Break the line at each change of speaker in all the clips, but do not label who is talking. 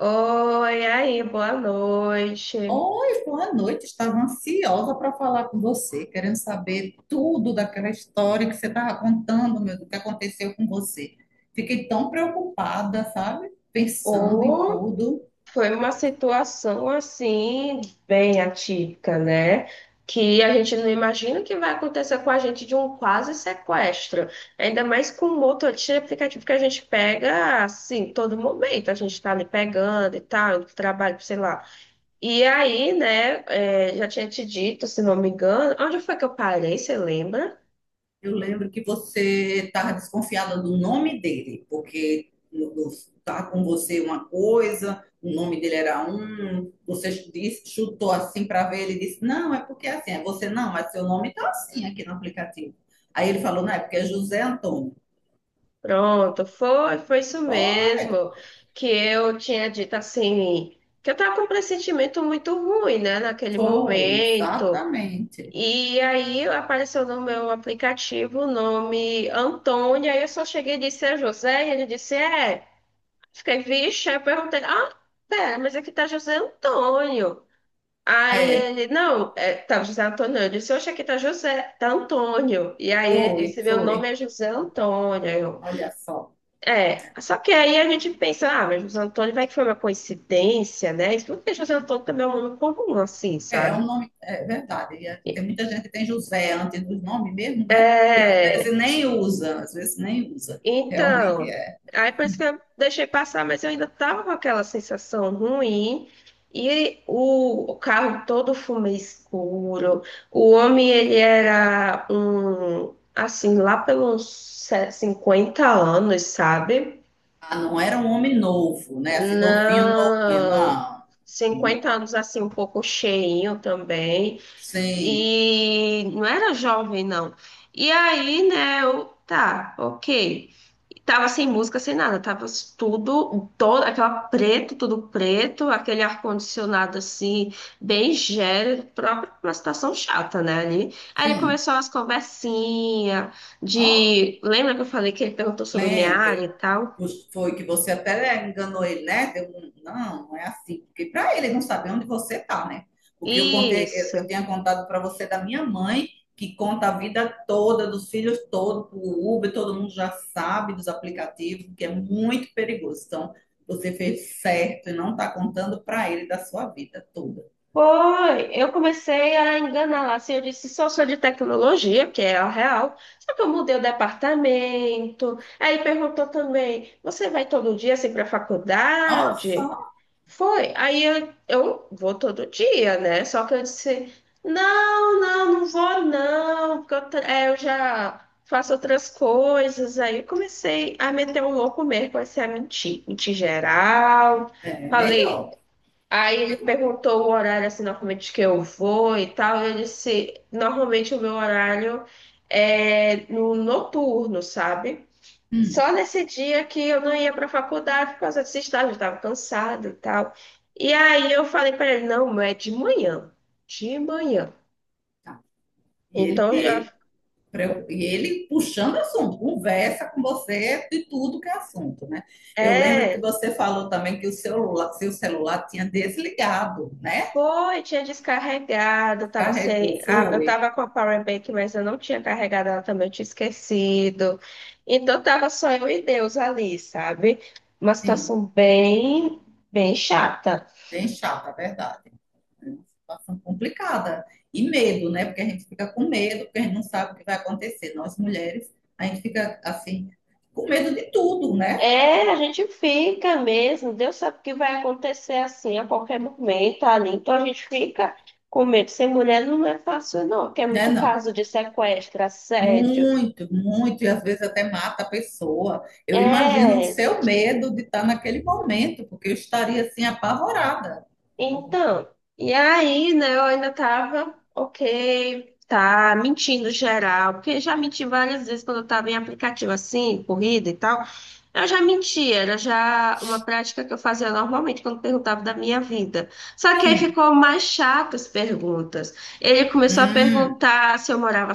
Oi, aí, boa noite.
Oi, boa noite. Estava ansiosa para falar com você, querendo saber tudo daquela história que você estava contando, meu, do que aconteceu com você. Fiquei tão preocupada, sabe? Pensando em
Ou
tudo.
foi uma situação assim, bem atípica, né? Que a gente não imagina que vai acontecer com a gente, de um quase sequestro. Ainda mais com o mototaxi aplicativo que a gente pega assim, todo momento. A gente tá ali pegando e tal, indo pro trabalho, sei lá. E aí, né, já tinha te dito, se não me engano, onde foi que eu parei, você lembra?
Eu lembro que você estava desconfiada do nome dele, porque estava com você uma coisa, o nome dele era um, você disse- chutou assim para ver, ele disse, não, é porque é assim, é você não, mas seu nome está assim aqui no aplicativo. Aí ele falou, não, é porque é José Antônio.
Pronto, foi isso
Foi,
mesmo. Que eu tinha dito assim, que eu estava com um pressentimento muito ruim, né, naquele
foi,
momento.
exatamente.
E aí apareceu no meu aplicativo o nome Antônio, aí eu só cheguei e disse, é José, e ele disse, é. Fiquei, vixe, aí eu perguntei, ah, pera, mas aqui tá José Antônio. Aí
É,
ele, não, é, tá José Antônio. Eu disse, oxe, aqui tá José, tá Antônio. E aí ele
foi,
disse, meu nome é
foi.
José Antônio.
Olha só.
É, só que aí a gente pensa, ah, mas José Antônio, vai que foi uma coincidência, né? Isso porque José Antônio também é um nome comum, assim,
É, é um
sabe?
nome, é verdade. E é- Tem muita gente que tem José antes dos nomes mesmo, né? E às
É,
vezes nem usa, às vezes nem usa. Realmente
então,
é.
aí por isso que eu deixei passar, mas eu ainda tava com aquela sensação ruim. E o carro todo fumê escuro. O homem, ele era um, assim, lá pelos 50 anos, sabe?
Ah, não era um homem novo, né? Assim, novinho, novinho,
Não,
não. Hum,
cinquenta anos assim, um pouco cheinho também.
sim,
E não era jovem, não. E aí, né, eu, tá, ok. Tava sem música, sem nada, tava tudo, todo, aquela preto, tudo preto, aquele ar-condicionado assim, bem gélido, próprio pra uma situação chata, né, ali. Aí ele
sim.
começou as conversinhas
Ó,
de, lembra que eu falei que ele perguntou sobre minha
lembro.
área e tal?
Foi que você até enganou ele, né? Deu um- não, não é assim. Porque para ele não saber onde você tá, né? Porque eu contei, eu,
Isso.
tinha contado para você da minha mãe, que conta a vida toda, dos filhos todos, o Uber, todo mundo já sabe dos aplicativos, que é muito perigoso. Então, você fez certo e não está contando para ele da sua vida toda.
Foi, eu comecei a enganar lá, assim, eu disse, só sou de tecnologia, que é a real, só que eu mudei o departamento, aí perguntou também, você vai todo dia, assim, para
Nossa,
faculdade? Foi, aí eu vou todo dia, né, só que eu disse, não vou não, porque eu, eu já faço outras coisas, aí eu comecei a meter o louco mesmo, comecei a mentir, mentir geral,
é
falei.
melhor,
Aí ele
melhor.
perguntou o horário assim, normalmente que eu vou e tal. Eu disse, normalmente o meu horário é no noturno, sabe?
Hum,
Só nesse dia que eu não ia para a faculdade por causa desse estágio, eu estava cansada e tal. E aí eu falei para ele, não, mas é de manhã, de manhã.
tá. E ele,
Então já
ele e ele puxando assunto, conversa com você de tudo que é assunto, né? Eu lembro que
é.
você falou também que o celular, seu celular tinha desligado, né?
Foi, tinha descarregado, eu tava sem,
Carregou,
eu
foi.
tava com a power bank, mas eu não tinha carregado ela também, eu tinha esquecido. Então tava só eu e Deus ali, sabe? Uma
Sim,
situação bem, bem chata.
bem chata, é verdade. É uma situação complicada. E medo, né? Porque a gente fica com medo, porque a gente não sabe o que vai acontecer. Nós mulheres, a gente fica assim, com medo de tudo, né?
É, a gente fica mesmo, Deus sabe o que vai acontecer assim a qualquer momento ali. Então a gente fica com medo. Ser mulher não é fácil, não, porque é
Né,
muito
não?
caso de sequestro, assédio.
Muito, muito, e às vezes até mata a pessoa. Eu imagino o
É.
seu medo de estar naquele momento, porque eu estaria assim apavorada.
Então, e aí, né, eu ainda tava, ok, tá mentindo geral, porque já menti várias vezes quando eu tava em aplicativo assim, corrida e tal. Eu já menti, era já uma prática que eu fazia normalmente quando perguntava da minha vida. Só que aí
Sim.
ficou mais chato as perguntas. Ele começou a
Hum,
perguntar se eu morava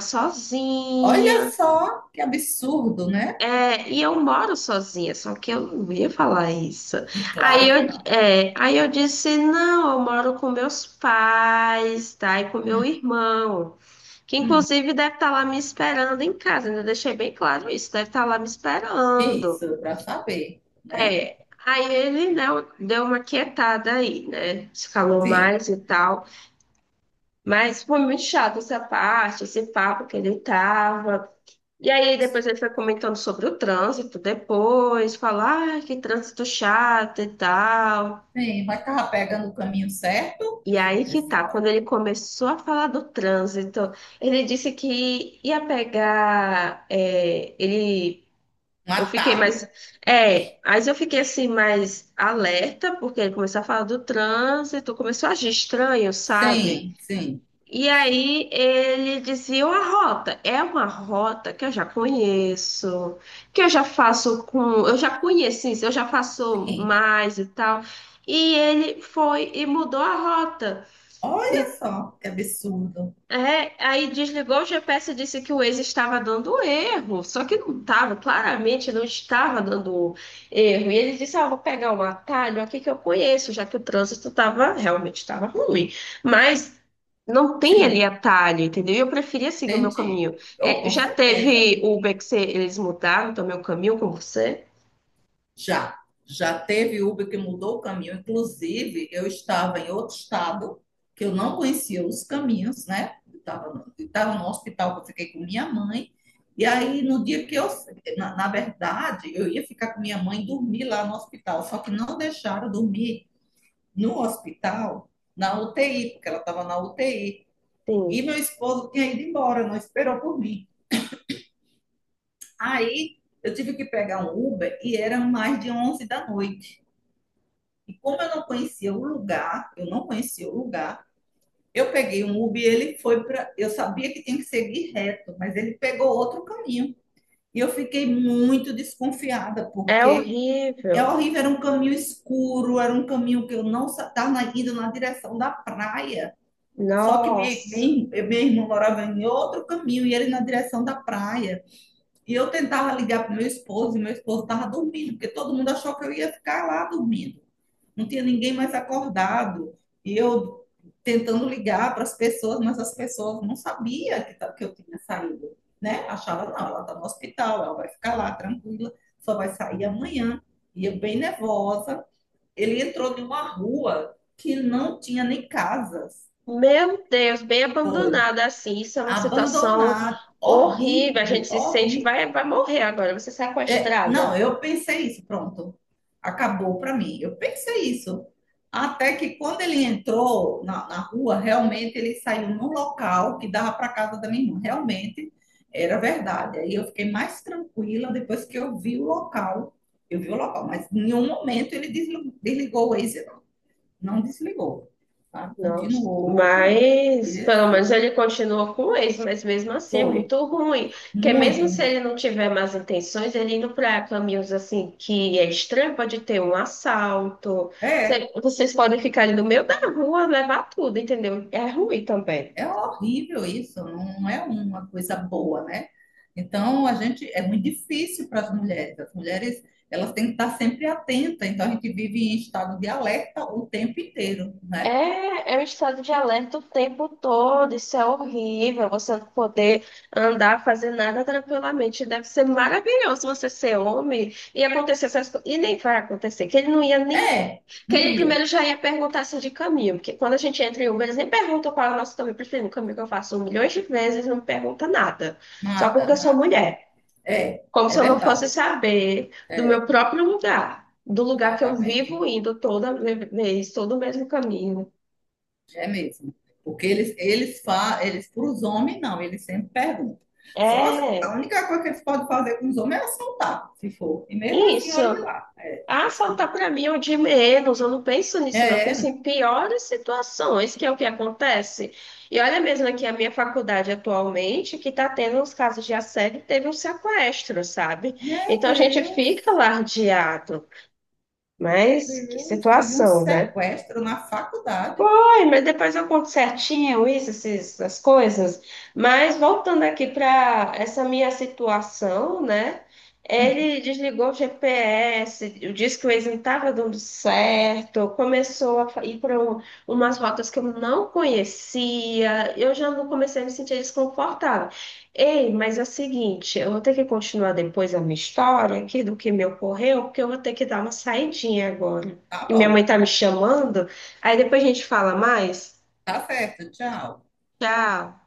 olha
sozinha,
só que absurdo, né?
é, e eu moro sozinha, só que eu não ia falar isso.
É
Aí
claro
eu,
que não.
é, aí eu disse, não, eu moro com meus pais, tá? E com meu irmão, que inclusive deve estar lá me esperando em casa, ainda deixei bem claro isso, deve estar lá me esperando.
Isso, para saber, né?
É, aí ele, né, deu uma quietada aí, né? Se calou
Sim,
mais e tal. Mas foi muito chato essa parte, esse papo que ele tava. E aí depois ele foi comentando sobre o trânsito depois, falar, ah, que trânsito chato e tal.
sim, mas estava pegando o caminho certo
E aí que
nessa
tá, quando
hora.
ele começou a falar do trânsito, ele disse que ia pegar, é, ele,
Um
eu fiquei mais,
atalho.
é, mas eu fiquei assim mais alerta, porque ele começou a falar do trânsito, começou a agir estranho, sabe?
Sim, sim,
E aí ele dizia uma rota, é uma rota que eu já conheço, que eu já conheci, eu já faço
sim.
mais e tal. E ele foi e mudou a rota.
Olha só que absurdo.
É, aí desligou o GPS e disse que o Waze estava dando erro, só que não estava, claramente não estava dando erro. E ele disse: Ah, vou pegar um atalho aqui que eu conheço, já que o trânsito estava realmente estava ruim. Mas não tem ali
Sim,
atalho, entendeu? E eu preferia seguir o meu
entendi.
caminho.
Oh,
É,
com
já
certeza.
teve Uber que você- eles mudaram também o caminho com você?
Já, já teve Uber que mudou o caminho. Inclusive, eu estava em outro estado, que eu não conhecia os caminhos, né? Eu estava no hospital que eu fiquei com minha mãe. E aí, no dia que eu, na verdade, eu ia ficar com minha mãe e dormir lá no hospital, só que não deixaram dormir no hospital, na UTI, porque ela estava na UTI. E
Sim.
meu esposo tinha ido embora, não esperou por mim. Aí, eu tive que pegar um Uber e era mais de 11 da noite. E como eu não conhecia o lugar, eu não conhecia o lugar, eu peguei um Uber e ele foi para. Eu sabia que tinha que seguir reto, mas ele pegou outro caminho. E eu fiquei muito desconfiada,
É
porque é
horrível.
horrível, era um caminho escuro, era um caminho que eu não estava indo na direção da praia. Só que minha,
Nossa.
minha, minha irmã morava em outro caminho e ele na direção da praia. E eu tentava ligar para o meu esposo, e meu esposo estava dormindo, porque todo mundo achou que eu ia ficar lá dormindo não tinha ninguém mais acordado. E eu tentando ligar para as pessoas, mas as pessoas não sabiam que eu tinha saído, né? Achava, não, ela está no hospital, ela vai ficar lá tranquila, só vai sair amanhã. E eu bem nervosa. Ele entrou em uma rua que não tinha nem casas.
Meu Deus, bem
Foi
abandonada assim, isso é uma situação
abandonado,
horrível. A gente
horrível,
se sente, vai,
horrível.
vai morrer agora, você sequestrada.
Não, eu pensei isso, pronto. Acabou para mim. Eu pensei isso. Até que quando ele entrou na rua, realmente ele saiu num local que dava para casa da minha irmã. Realmente era verdade. Aí eu fiquei mais tranquila depois que eu vi o local. Eu vi o local, mas em nenhum momento ele desligou o Waze, não, desligou. Sabe?
Não,
Continuou com
mas pelo menos
esse.
ele continua com o ex, mas mesmo assim é
Foi
muito ruim. Porque
muito
mesmo se ele
ruim.
não tiver más intenções, ele indo para caminhos assim que é estranho, pode ter um assalto.
É.
Vocês podem ficar ali no meio da rua, levar tudo, entendeu? É ruim também.
É horrível isso, não é uma coisa boa, né? Então, a gente é muito difícil para as mulheres. As mulheres, elas têm que estar sempre atentas. Então, a gente vive em estado de alerta o tempo inteiro, né?
É, é um estado de alerta o tempo todo, isso é horrível, você não poder andar, fazer nada tranquilamente. Deve ser maravilhoso você ser homem e acontecer essas coisas. E nem vai acontecer, que ele não ia nem.
É,
Que
não
ele
ia,
primeiro já ia perguntar se de caminho, porque quando a gente entra em Uber, eles nem perguntam qual é o nosso caminho preferido. O caminho que eu faço milhões de vezes, não pergunta nada. Só
nada,
porque eu sou
nada.
mulher.
É,
Como
é
se eu não fosse
verdade.
saber do meu
É,
próprio lugar, do lugar que eu
exatamente.
vivo indo toda vez, todo o mesmo caminho.
É mesmo. Porque eles, eles para os homens não, eles sempre perguntam. Só as-
É,
a única coisa que eles podem fazer com os homens é assaltar, se for. E mesmo assim,
isso.
olhe lá. É,
Ah, assaltar para mim é o de menos. Eu não penso nisso, não. Eu penso
é,
em piores situações, que é o que acontece. E olha mesmo aqui a minha faculdade atualmente, que está tendo uns casos de assédio, teve um sequestro, sabe?
Meu
Então a gente fica
Deus,
lardeado.
meu
Mas que
Deus, teve um
situação, né?
sequestro na faculdade.
Foi, mas depois eu conto certinho isso, essas coisas. Mas voltando aqui para essa minha situação, né? Ele desligou o GPS, disse que o Waze não estava dando certo, começou a ir para umas rotas que eu não conhecia, eu já não comecei a me sentir desconfortável. Ei, mas é o seguinte, eu vou ter que continuar depois a minha história aqui do que me ocorreu, porque eu vou ter que dar uma saidinha agora.
Tá
E minha mãe
bom,
tá me chamando. Aí depois a gente fala mais.
tá certo, tchau.
Tchau.